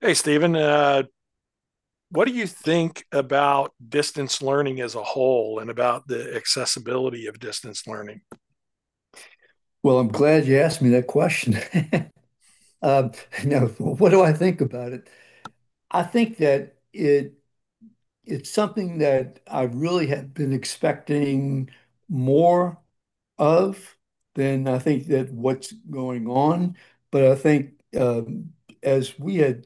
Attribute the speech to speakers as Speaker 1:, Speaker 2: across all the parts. Speaker 1: Hey, Stephen, what do you think about distance learning as a whole and about the accessibility of distance learning?
Speaker 2: Well, I'm glad you asked me that question. Um, Now, what do I think about it? I think that it's something that I really have been expecting more of than I think that what's going on. But I think um, as we had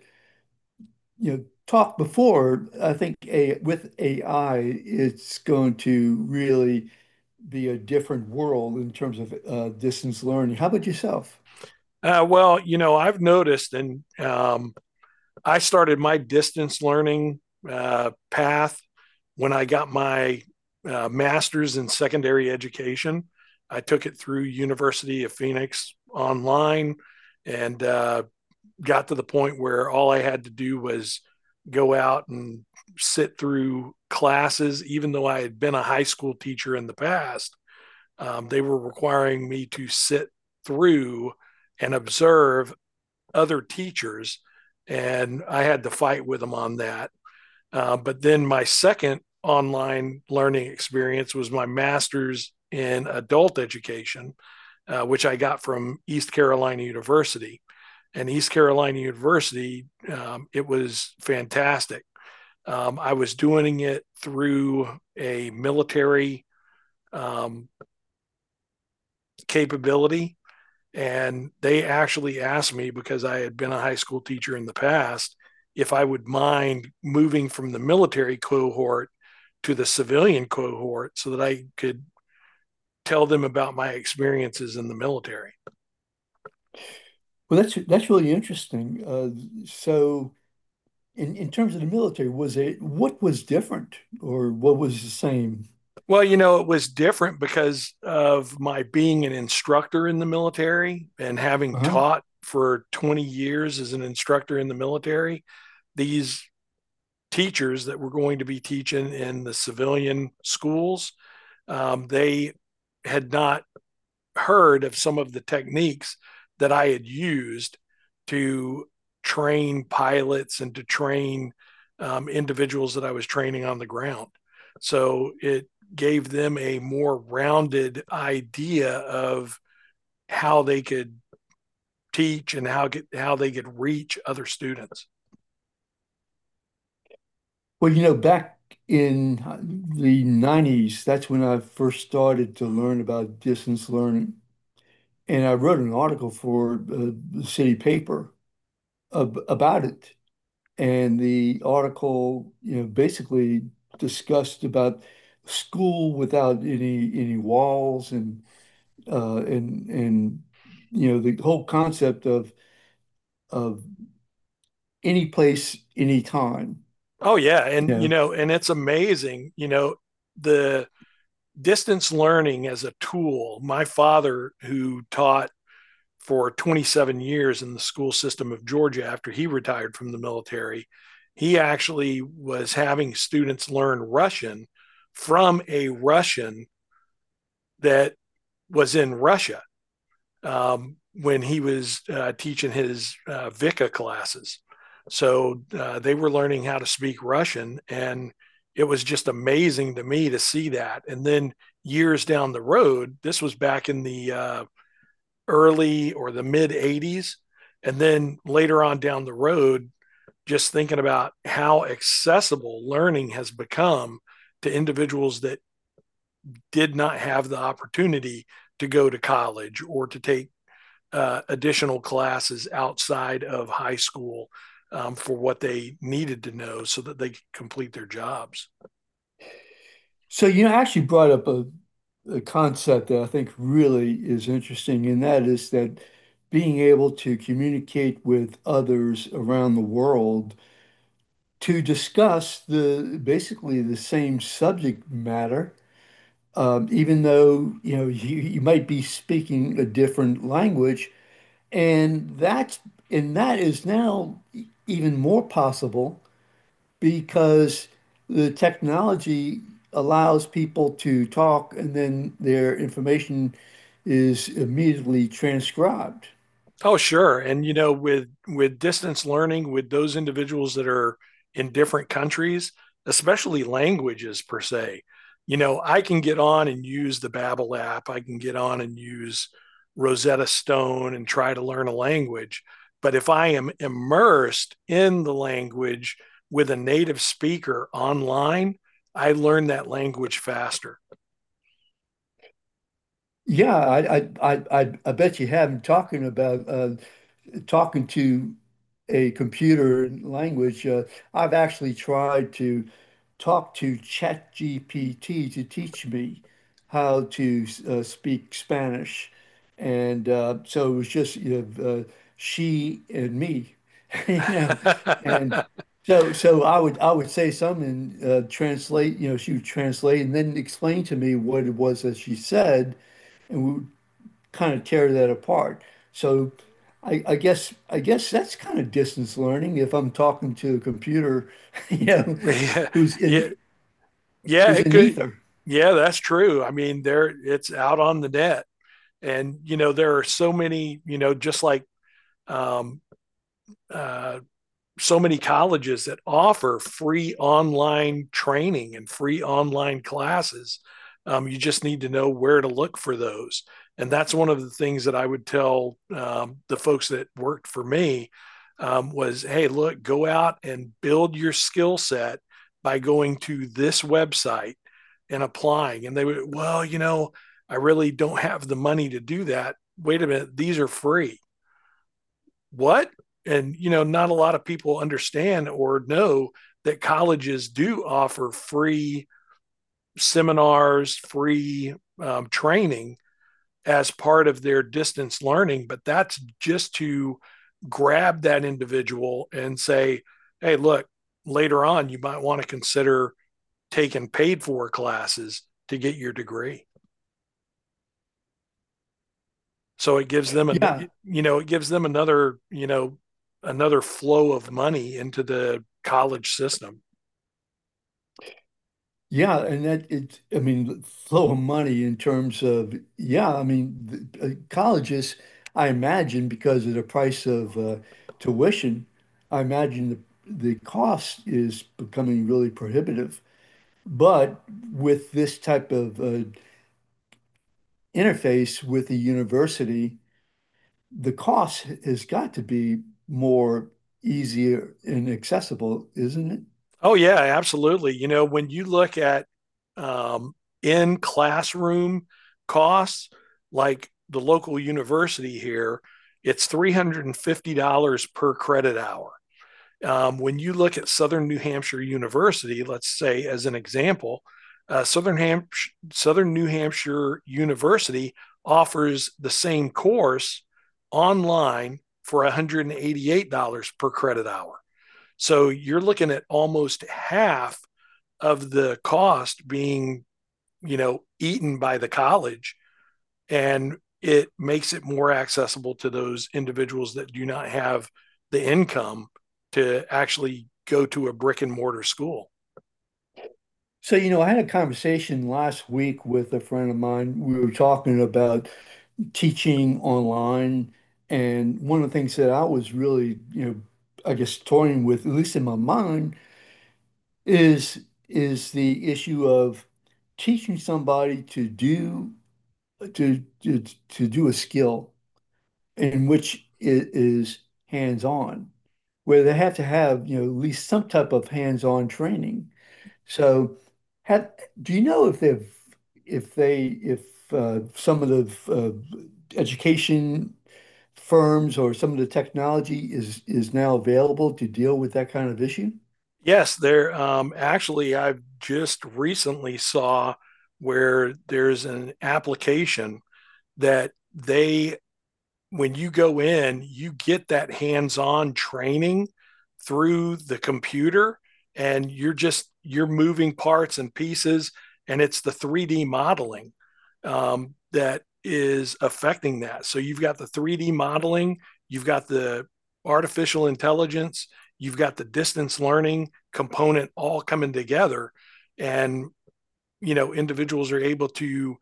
Speaker 2: talked before, I think a with AI, it's going to really be a different world in terms of distance learning. How about yourself?
Speaker 1: Well, you know, I've noticed, and I started my distance learning path when I got my master's in secondary education. I took it through University of Phoenix online, and got to the point where all I had to do was go out and sit through classes, even though I had been a high school teacher in the past. They were requiring me to sit through and observe other teachers, and I had to fight with them on that. But then my second online learning experience was my master's in adult education, which I got from East Carolina University and East Carolina University, it was fantastic. I was doing it through a military um, capability, and they actually asked me because I had been a high school teacher in the past if I would mind moving from the military cohort to the civilian cohort so that I could tell them about my experiences in the military.
Speaker 2: Well, that's really interesting. So, in terms of the military, was it what was different or what was the same?
Speaker 1: Well, you know, it was different because of my being an instructor in the military and having
Speaker 2: Uh-huh.
Speaker 1: taught for 20 years as an instructor in the military. These teachers that were going to be teaching in the civilian schools, they had not heard of some of the techniques that I had used to train pilots and to train individuals that I was training on the ground. So it gave them a more rounded idea of how they could teach and how they could reach other students.
Speaker 2: Well, you know, back in the 90s, that's when I first started to learn about distance learning, and I wrote an article for the city paper ab about it. And the article, you know, basically discussed about school without any walls and uh, and and the whole concept of any place, any time.
Speaker 1: Oh yeah, and
Speaker 2: You
Speaker 1: you
Speaker 2: know,
Speaker 1: know, and it's amazing, you know, the distance learning as a tool. My father who taught for 27 years in the school system of Georgia after he retired from the military. He actually was having students learn Russian from a Russian that was in Russia when he was teaching his VICA classes. So they were learning how to speak Russian. And it was just amazing to me to see that. And then years down the road, this was back in the early or the mid 80s. And then later on down the road, just thinking about how accessible learning has become to individuals that did not have the opportunity to go to college or to take additional classes outside of high school for what they needed to know so that they could complete their jobs.
Speaker 2: so you know, I actually brought up a concept that I think really is interesting, and that is that being able to communicate with others around the world to discuss the basically the same subject matter, even though you know you might be speaking a different language. And that's and that is now even more possible because the technology allows people to talk and then their information is immediately transcribed.
Speaker 1: Oh, sure. And you know, with distance learning, with those individuals that are in different countries, especially languages per se, you know, I can get on and use the Babbel app. I can get on and use Rosetta Stone and try to learn a language. But if I am immersed in the language with a native speaker online, I learn that language faster.
Speaker 2: Yeah, I bet you have been talking about talking to a computer language. I've actually tried to talk to ChatGPT to teach me how to speak Spanish. And so it was just, you know, she and me, you know, and so I would say something and translate, you know, she would translate and then explain to me what it was that she said, and we would kind of tear that apart. So, I guess that's kind of distance learning if I'm talking to a computer, you know,
Speaker 1: Yeah,
Speaker 2: who's
Speaker 1: yeah,
Speaker 2: in
Speaker 1: yeah,
Speaker 2: who's
Speaker 1: it
Speaker 2: in
Speaker 1: could.
Speaker 2: ether.
Speaker 1: Yeah, that's true. I mean, there it's out on the net, and you know there are so many. You know, just like um, uh, so many colleges that offer free online training and free online classes. You just need to know where to look for those. And that's one of the things that I would tell the folks that worked for me was, hey, look, go out and build your skill set by going to this website and applying. And they would, well, you know, I really don't have the money to do that. Wait a minute, these are free what? And, you know, not a lot of people understand or know that colleges do offer free seminars, free training as part of their distance learning, but that's just to grab that individual and say, hey, look, later on, you might want to consider taking paid for classes to get your degree. So it gives them an
Speaker 2: Yeah,
Speaker 1: you know it gives them another another flow of money into the college system.
Speaker 2: yeah, and that it. I mean, flow of money in terms of yeah. I mean, the colleges, I imagine, because of the price of tuition, I imagine the cost is becoming really prohibitive. But with this type of interface with the university, the cost has got to be more easier and accessible, isn't it?
Speaker 1: Oh yeah, absolutely. You know when you look at um, in classroom costs, like the local university here, it's $350 per credit hour. When you look at Southern New Hampshire University, let's say as an example, uh, Southern, Ham- Southern New Hampshire University offers the same course online for $188 per credit hour. So you're looking at almost half of the cost being, you know, eaten by the college and it makes it more accessible to those individuals that do not have the income to actually go to a brick and mortar school.
Speaker 2: So, you know, I had a conversation last week with a friend of mine. We were talking about teaching online. And one of the things that I was really, you know, I guess toying with, at least in my mind, is is the issue of teaching somebody to to, to do a skill in which it is hands-on, where they have to have, you know, at least some type of hands-on training. So, have, do you know if if they, if some of the education firms or some of the technology is now available to deal with that kind of issue?
Speaker 1: Yes, there actually I've just recently saw where there's an application that they when you go in, you get that hands-on training through the computer and you're moving parts and pieces and it's the 3D modeling that is affecting that. So you've got the 3D modeling, you've got the artificial intelligence, you've got the distance learning component all coming together and you know individuals are able to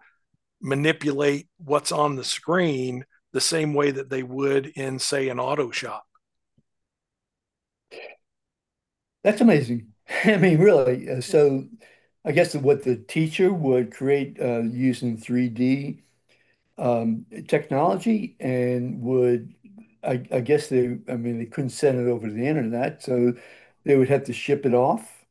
Speaker 1: manipulate what's on the screen the same way that they would in, say, an auto shop.
Speaker 2: That's amazing. I mean, really. I guess what the teacher would create using 3D technology and I guess I mean, they couldn't send it over to the internet, so they would have to ship it off.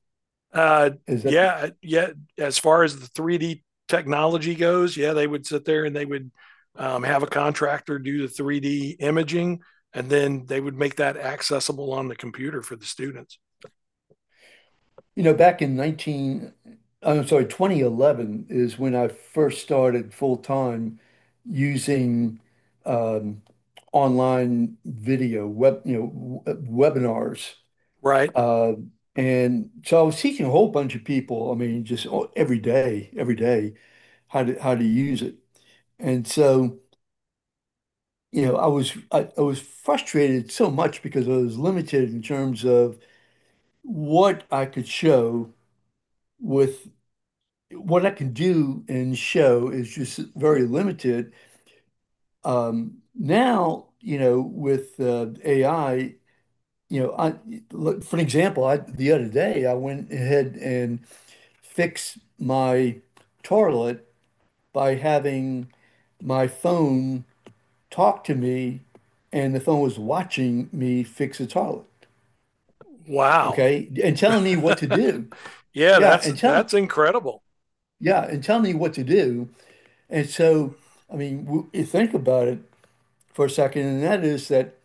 Speaker 1: Uh,
Speaker 2: Is that,
Speaker 1: yeah, yeah. As far as the 3D technology goes, yeah, they would sit there and they would have a contractor do the 3D imaging, and then they would make that accessible on the computer for the students.
Speaker 2: you know, I'm sorry, 2011 is when I first started full time using um, online video, web, you know, webinars.
Speaker 1: Right.
Speaker 2: Uh, and so I was teaching a whole bunch of people, I mean, just every day, how to use it. And so, you know, I was frustrated so much because I was limited in terms of what I could show with what I can do and show is just very limited. Now, you know, with AI, you know, I look, for an example, I the other day I went ahead and fixed my toilet by having my phone talked to me and the phone was watching me fix a toilet.
Speaker 1: Wow.
Speaker 2: Okay. And telling me what to do.
Speaker 1: Yeah,
Speaker 2: Yeah.
Speaker 1: that's incredible.
Speaker 2: And tell me what to do. And so, I mean, you think about it for a second, and that is that,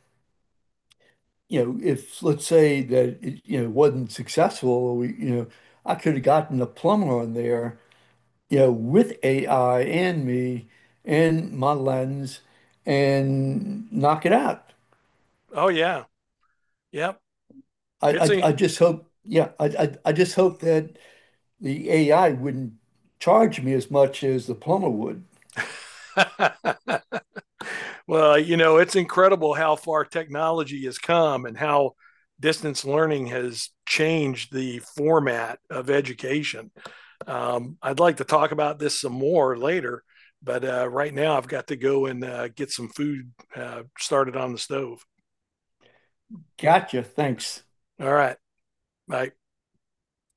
Speaker 2: you know, if let's say that it, you know, wasn't successful, or we, you know, I could have gotten a plumber on there, you know, with AI and me and my lens and knock it out.
Speaker 1: Oh yeah. Yep. It's
Speaker 2: I just hope, yeah, I just hope that the AI wouldn't charge me as much as the plumber would.
Speaker 1: a Well, you know, it's incredible how far technology has come and how distance learning has changed the format of education. I'd like to talk about this some more later, but right now I've got to go and get some food started on the stove.
Speaker 2: Gotcha. Thanks.
Speaker 1: All right. Bye.